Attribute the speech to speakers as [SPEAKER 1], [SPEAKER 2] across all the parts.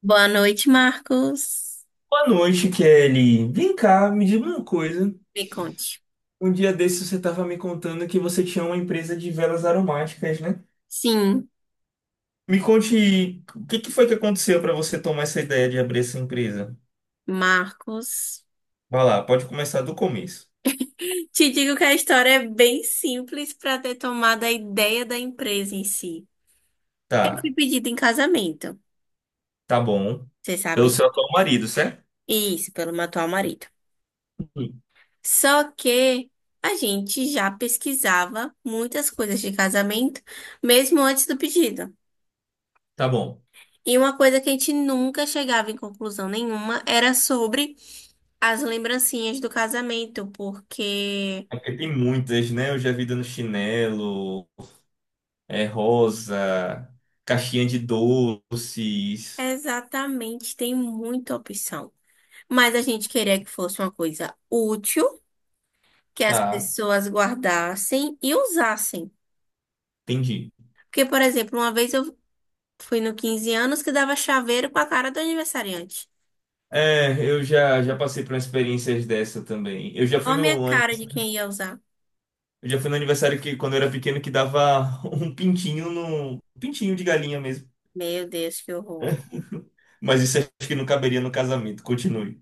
[SPEAKER 1] Boa noite, Marcos.
[SPEAKER 2] Boa noite, Kelly. Vem cá, me diga uma coisa.
[SPEAKER 1] Me conte.
[SPEAKER 2] Um dia desses você estava me contando que você tinha uma empresa de velas aromáticas, né?
[SPEAKER 1] Sim,
[SPEAKER 2] Me conte o que que foi que aconteceu para você tomar essa ideia de abrir essa empresa.
[SPEAKER 1] Marcos.
[SPEAKER 2] Vai lá, pode começar do começo.
[SPEAKER 1] Te digo que a história é bem simples para ter tomado a ideia da empresa em si. Eu fui
[SPEAKER 2] Tá,
[SPEAKER 1] pedida em casamento,
[SPEAKER 2] tá bom.
[SPEAKER 1] você
[SPEAKER 2] Pelo
[SPEAKER 1] sabe?
[SPEAKER 2] seu
[SPEAKER 1] Né?
[SPEAKER 2] atual marido, certo?
[SPEAKER 1] Isso, pelo meu atual marido.
[SPEAKER 2] Sim.
[SPEAKER 1] Só que a gente já pesquisava muitas coisas de casamento, mesmo antes do pedido.
[SPEAKER 2] Tá bom.
[SPEAKER 1] E uma coisa que a gente nunca chegava em conclusão nenhuma era sobre as lembrancinhas do casamento, porque.
[SPEAKER 2] É porque tem muitas, né? Eu já vi dando chinelo, é rosa, caixinha de doces.
[SPEAKER 1] Exatamente, tem muita opção. Mas a gente queria que fosse uma coisa útil, que as
[SPEAKER 2] Tá,
[SPEAKER 1] pessoas guardassem e usassem.
[SPEAKER 2] entendi.
[SPEAKER 1] Porque, por exemplo, uma vez eu fui no 15 anos que dava chaveiro com a cara do aniversariante.
[SPEAKER 2] É, eu já passei por experiências dessa também.
[SPEAKER 1] Olha a minha cara de quem ia usar.
[SPEAKER 2] Eu já fui no aniversário que, quando eu era pequeno, que dava um pintinho no, um pintinho de galinha mesmo.
[SPEAKER 1] Meu Deus, que horror.
[SPEAKER 2] Mas isso acho que não caberia no casamento. Continue.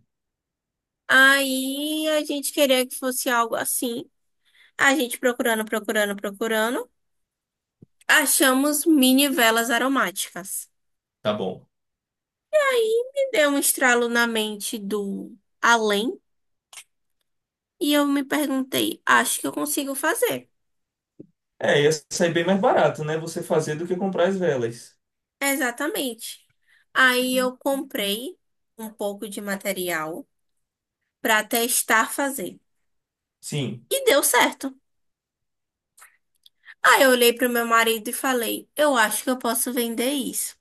[SPEAKER 1] Aí a gente queria que fosse algo assim. A gente procurando, procurando, procurando. Achamos mini velas aromáticas.
[SPEAKER 2] Tá bom.
[SPEAKER 1] Me deu um estralo na mente do além. E eu me perguntei, acho que eu consigo fazer.
[SPEAKER 2] É, ia sair bem mais barato, né? Você fazer do que comprar as velas.
[SPEAKER 1] Exatamente. Aí eu comprei um pouco de material para testar fazer.
[SPEAKER 2] Sim.
[SPEAKER 1] E deu certo. Aí eu olhei para o meu marido e falei, eu acho que eu posso vender isso.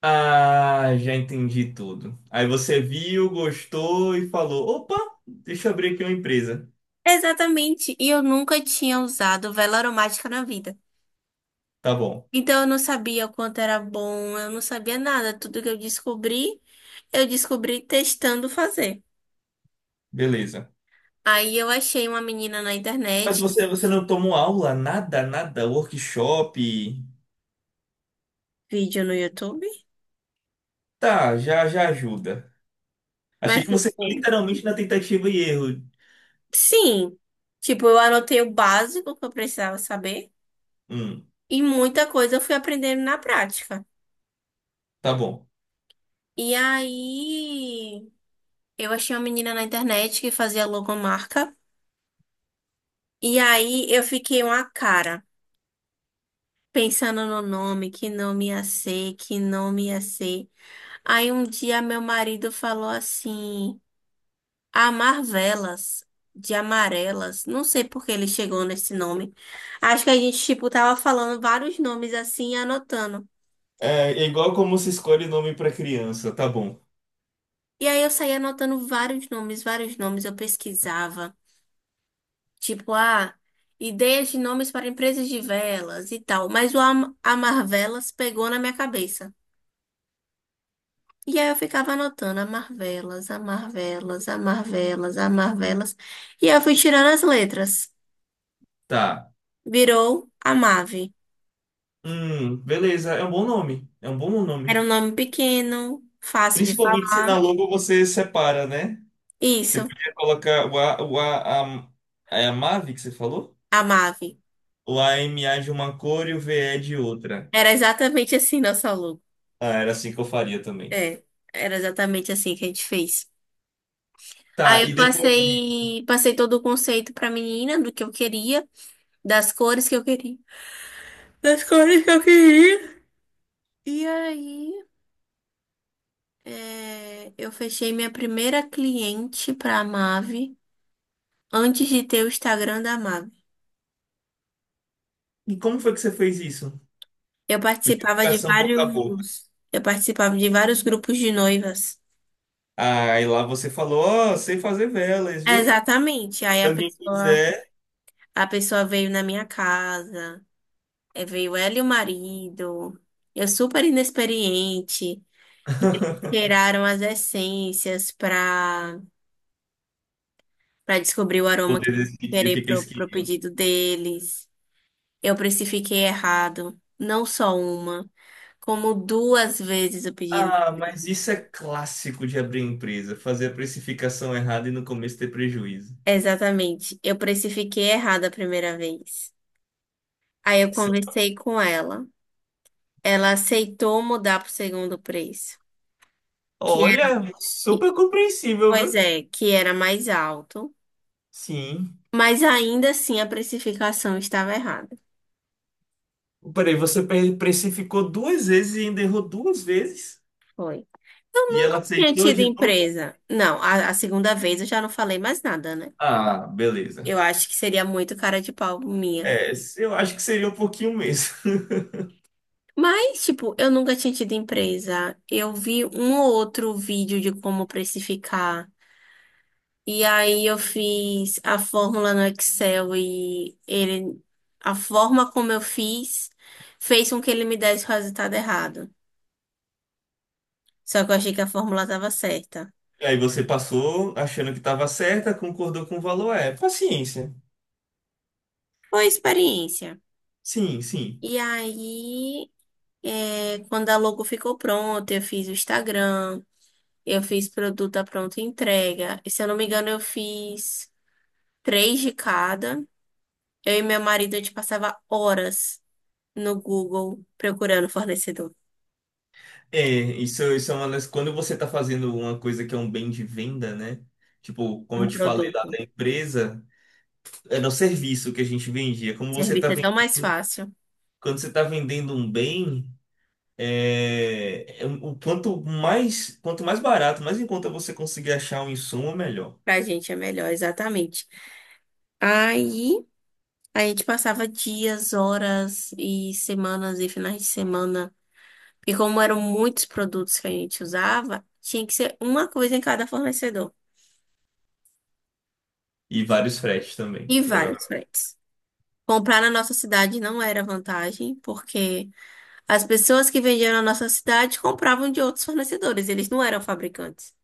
[SPEAKER 2] Ah, já entendi tudo. Aí você viu, gostou e falou: opa, deixa eu abrir aqui uma empresa.
[SPEAKER 1] Exatamente. E eu nunca tinha usado vela aromática na vida.
[SPEAKER 2] Tá bom,
[SPEAKER 1] Então eu não sabia o quanto era bom, eu não sabia nada. Tudo que eu descobri testando fazer.
[SPEAKER 2] beleza.
[SPEAKER 1] Aí eu achei uma menina na
[SPEAKER 2] Mas
[SPEAKER 1] internet,
[SPEAKER 2] você não tomou aula, nada, nada, workshop.
[SPEAKER 1] vídeo no YouTube.
[SPEAKER 2] Tá, já ajuda. Achei
[SPEAKER 1] Mas,
[SPEAKER 2] que você foi
[SPEAKER 1] tipo,
[SPEAKER 2] literalmente na tentativa e erro.
[SPEAKER 1] sim. Tipo, eu anotei o básico que eu precisava saber.
[SPEAKER 2] Hum,
[SPEAKER 1] E muita coisa eu fui aprendendo na prática.
[SPEAKER 2] tá bom.
[SPEAKER 1] E aí, eu achei uma menina na internet que fazia logomarca. E aí, eu fiquei uma cara, pensando no nome, que nome ia ser, que nome ia ser. Aí, um dia, meu marido falou assim. Amar velas de amarelas. Não sei por que ele chegou nesse nome. Acho que a gente, tipo, tava falando vários nomes assim e anotando.
[SPEAKER 2] É, é igual como se escolhe nome pra criança, tá bom.
[SPEAKER 1] E aí eu saía anotando vários nomes, vários nomes. Eu pesquisava. Tipo, ah, ideias de nomes para empresas de velas e tal. Mas o am amar velas pegou na minha cabeça. E aí eu ficava anotando amar velas, amar velas, amar velas, amar velas. E aí eu fui tirando as letras.
[SPEAKER 2] Tá.
[SPEAKER 1] Virou Amave.
[SPEAKER 2] Beleza, é um bom nome. É um bom nome.
[SPEAKER 1] Era um nome pequeno, fácil de
[SPEAKER 2] Principalmente se
[SPEAKER 1] falar.
[SPEAKER 2] na logo você separa, né? Você
[SPEAKER 1] Isso,
[SPEAKER 2] podia colocar o A, a, é a Mave que você falou?
[SPEAKER 1] a Mave.
[SPEAKER 2] O a m AMA de uma cor e o v VE de outra.
[SPEAKER 1] Era exatamente assim nosso logo.
[SPEAKER 2] Ah, era assim que eu faria também.
[SPEAKER 1] É, era exatamente assim que a gente fez. Aí
[SPEAKER 2] Tá, e
[SPEAKER 1] eu
[SPEAKER 2] depois disso.
[SPEAKER 1] passei, passei todo o conceito pra menina do que eu queria, das cores que eu queria. Das cores que eu queria. E aí, é, eu fechei minha primeira cliente pra Mave antes de ter o Instagram da Mave.
[SPEAKER 2] E como foi que você fez isso? Codificação boca a boca.
[SPEAKER 1] Eu participava de vários grupos de noivas.
[SPEAKER 2] Aí lá você falou, ó, sei fazer velas, viu?
[SPEAKER 1] Exatamente.
[SPEAKER 2] Se alguém quiser
[SPEAKER 1] A pessoa veio na minha casa, veio ela e o marido, eu super inexperiente, tiraram as essências para descobrir o aroma que
[SPEAKER 2] poder
[SPEAKER 1] eu
[SPEAKER 2] decidir o
[SPEAKER 1] querer
[SPEAKER 2] que que eles
[SPEAKER 1] pro
[SPEAKER 2] queriam.
[SPEAKER 1] pedido deles. Eu precifiquei errado, não só uma, como duas vezes o pedido.
[SPEAKER 2] Ah, mas isso é clássico de abrir empresa, fazer a precificação errada e no começo ter prejuízo.
[SPEAKER 1] Exatamente. Eu precifiquei errado a primeira vez. Aí eu
[SPEAKER 2] Sim.
[SPEAKER 1] conversei com ela. Ela aceitou mudar pro segundo preço. Que
[SPEAKER 2] Olha,
[SPEAKER 1] é
[SPEAKER 2] super compreensível,
[SPEAKER 1] Pois
[SPEAKER 2] viu?
[SPEAKER 1] é, que era mais alto,
[SPEAKER 2] Sim.
[SPEAKER 1] mas ainda assim a precificação estava errada.
[SPEAKER 2] Peraí, você precificou duas vezes e ainda errou duas vezes?
[SPEAKER 1] Foi. Eu
[SPEAKER 2] E ela
[SPEAKER 1] nunca tinha
[SPEAKER 2] aceitou
[SPEAKER 1] tido
[SPEAKER 2] de novo?
[SPEAKER 1] empresa. Não, a segunda vez eu já não falei mais nada, né?
[SPEAKER 2] Ah, beleza.
[SPEAKER 1] Eu acho que seria muito cara de pau minha.
[SPEAKER 2] É, eu acho que seria um pouquinho mesmo.
[SPEAKER 1] Mas, tipo, eu nunca tinha tido empresa. Eu vi um ou outro vídeo de como precificar. E aí eu fiz a fórmula no Excel e ele, a forma como eu fiz fez com que ele me desse o resultado errado. Só que eu achei que a fórmula estava certa.
[SPEAKER 2] Aí você passou achando que estava certa, concordou com o valor, é paciência.
[SPEAKER 1] Foi a experiência.
[SPEAKER 2] Sim, sim.
[SPEAKER 1] E aí, é, quando a logo ficou pronta, eu fiz o Instagram, eu fiz produto à pronta entrega. E se eu não me engano, eu fiz três de cada. Eu e meu marido, a gente passava horas no Google procurando fornecedor,
[SPEAKER 2] É, isso é uma das. Quando você está fazendo uma coisa que é um bem de venda, né? Tipo, como
[SPEAKER 1] um
[SPEAKER 2] eu te falei lá
[SPEAKER 1] produto.
[SPEAKER 2] da empresa, era o serviço que a gente vendia. Como você está
[SPEAKER 1] Serviço é tão mais
[SPEAKER 2] vendendo,
[SPEAKER 1] fácil.
[SPEAKER 2] quando você está vendendo um bem, o quanto mais barato, mais em conta você conseguir achar um insumo, melhor.
[SPEAKER 1] Pra gente é melhor, exatamente. Aí, a gente passava dias, horas e semanas e finais de semana. E como eram muitos produtos que a gente usava, tinha que ser uma coisa em cada fornecedor
[SPEAKER 2] E vários fretes também,
[SPEAKER 1] e vários
[SPEAKER 2] provavelmente.
[SPEAKER 1] fretes. Comprar na nossa cidade não era vantagem, porque as pessoas que vendiam na nossa cidade compravam de outros fornecedores, eles não eram fabricantes.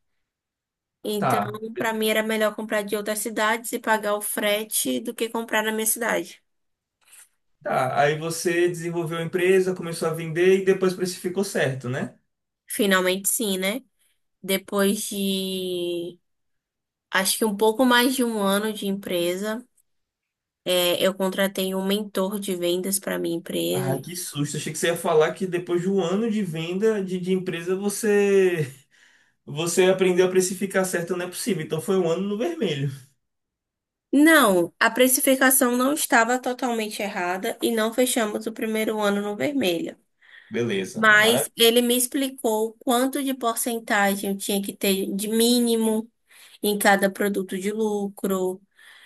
[SPEAKER 1] Então,
[SPEAKER 2] Tá.
[SPEAKER 1] para mim era melhor comprar de outras cidades e pagar o frete do que comprar na minha cidade.
[SPEAKER 2] Tá, aí você desenvolveu a empresa, começou a vender e depois precificou certo, né?
[SPEAKER 1] Finalmente, sim, né? Depois de acho que um pouco mais de um ano de empresa, é, eu contratei um mentor de vendas para minha empresa.
[SPEAKER 2] Ah, que susto! Achei que você ia falar que depois de um ano de de empresa você aprendeu a precificar certo, não é possível. Então foi um ano no vermelho.
[SPEAKER 1] Não, a precificação não estava totalmente errada e não fechamos o primeiro ano no vermelho.
[SPEAKER 2] Beleza,
[SPEAKER 1] Mas
[SPEAKER 2] maravilha.
[SPEAKER 1] ele me explicou quanto de porcentagem eu tinha que ter de mínimo em cada produto de lucro.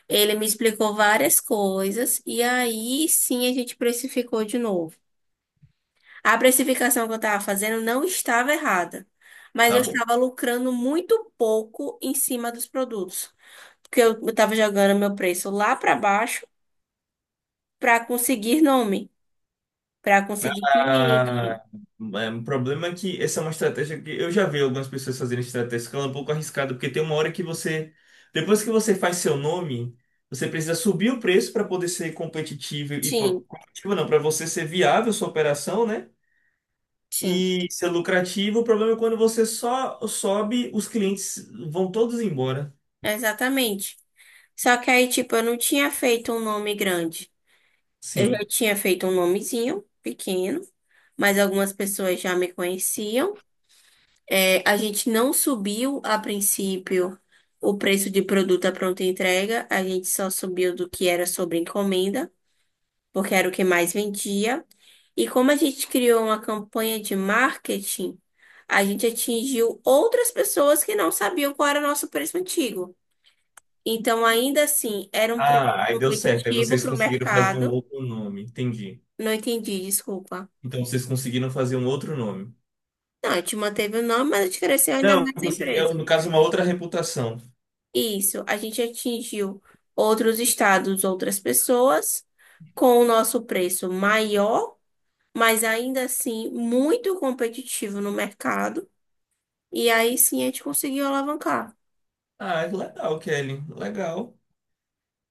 [SPEAKER 1] Ele me explicou várias coisas e aí sim a gente precificou de novo. A precificação que eu estava fazendo não estava errada, mas
[SPEAKER 2] Tá
[SPEAKER 1] eu
[SPEAKER 2] bom.
[SPEAKER 1] estava lucrando muito pouco em cima dos produtos, porque eu estava jogando meu preço lá para baixo para conseguir nome, para conseguir cliente.
[SPEAKER 2] Ah, é um problema é que essa é uma estratégia que eu já vi algumas pessoas fazerem estratégia que ela é um pouco arriscada, porque tem uma hora que você, depois que você faz seu nome, você precisa subir o preço para poder ser competitivo e pô,
[SPEAKER 1] Sim,
[SPEAKER 2] competitivo não, para você ser viável sua operação, né?
[SPEAKER 1] sim,
[SPEAKER 2] E ser lucrativo. O problema é quando você só sobe, os clientes vão todos embora.
[SPEAKER 1] exatamente. Só que aí, tipo, eu não tinha feito um nome grande. Eu já
[SPEAKER 2] Sim.
[SPEAKER 1] tinha feito um nomezinho pequeno, mas algumas pessoas já me conheciam. É, a gente não subiu a princípio o preço de produto à pronta entrega, a gente só subiu do que era sobre encomenda. Porque era o que mais vendia. E como a gente criou uma campanha de marketing, a gente atingiu outras pessoas que não sabiam qual era o nosso preço antigo. Então, ainda assim, era um preço
[SPEAKER 2] Ah, aí deu certo. Aí
[SPEAKER 1] competitivo
[SPEAKER 2] vocês
[SPEAKER 1] para o
[SPEAKER 2] conseguiram fazer um
[SPEAKER 1] mercado.
[SPEAKER 2] outro nome, entendi.
[SPEAKER 1] Não entendi, desculpa.
[SPEAKER 2] Então vocês conseguiram fazer um outro nome.
[SPEAKER 1] Não, a gente manteve o nome, mas a gente cresceu ainda
[SPEAKER 2] Eu
[SPEAKER 1] mais a
[SPEAKER 2] consegui, eu,
[SPEAKER 1] empresa.
[SPEAKER 2] no caso, uma outra reputação.
[SPEAKER 1] Isso, a gente atingiu outros estados, outras pessoas, com o nosso preço maior, mas ainda assim muito competitivo no mercado. E aí sim a gente conseguiu alavancar.
[SPEAKER 2] Ah, é legal, Kelly, legal.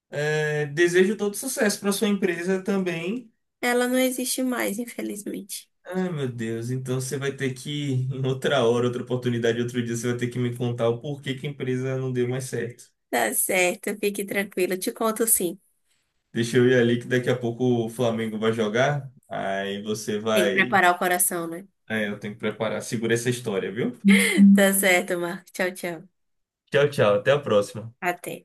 [SPEAKER 2] É, desejo todo sucesso para sua empresa também.
[SPEAKER 1] Ela não existe mais, infelizmente.
[SPEAKER 2] Ai, meu Deus, então você vai ter que, em outra hora, outra oportunidade, outro dia, você vai ter que me contar o porquê que a empresa não deu mais certo.
[SPEAKER 1] Tá certo, fique tranquila. Te conto sim.
[SPEAKER 2] Deixa eu ir ali que daqui a pouco o Flamengo vai jogar. Aí você
[SPEAKER 1] Tem que
[SPEAKER 2] vai.
[SPEAKER 1] preparar o coração, né?
[SPEAKER 2] É, eu tenho que preparar. Segura essa história, viu?
[SPEAKER 1] Tá certo, Marco. Tchau, tchau.
[SPEAKER 2] Tchau, tchau. Até a próxima.
[SPEAKER 1] Até.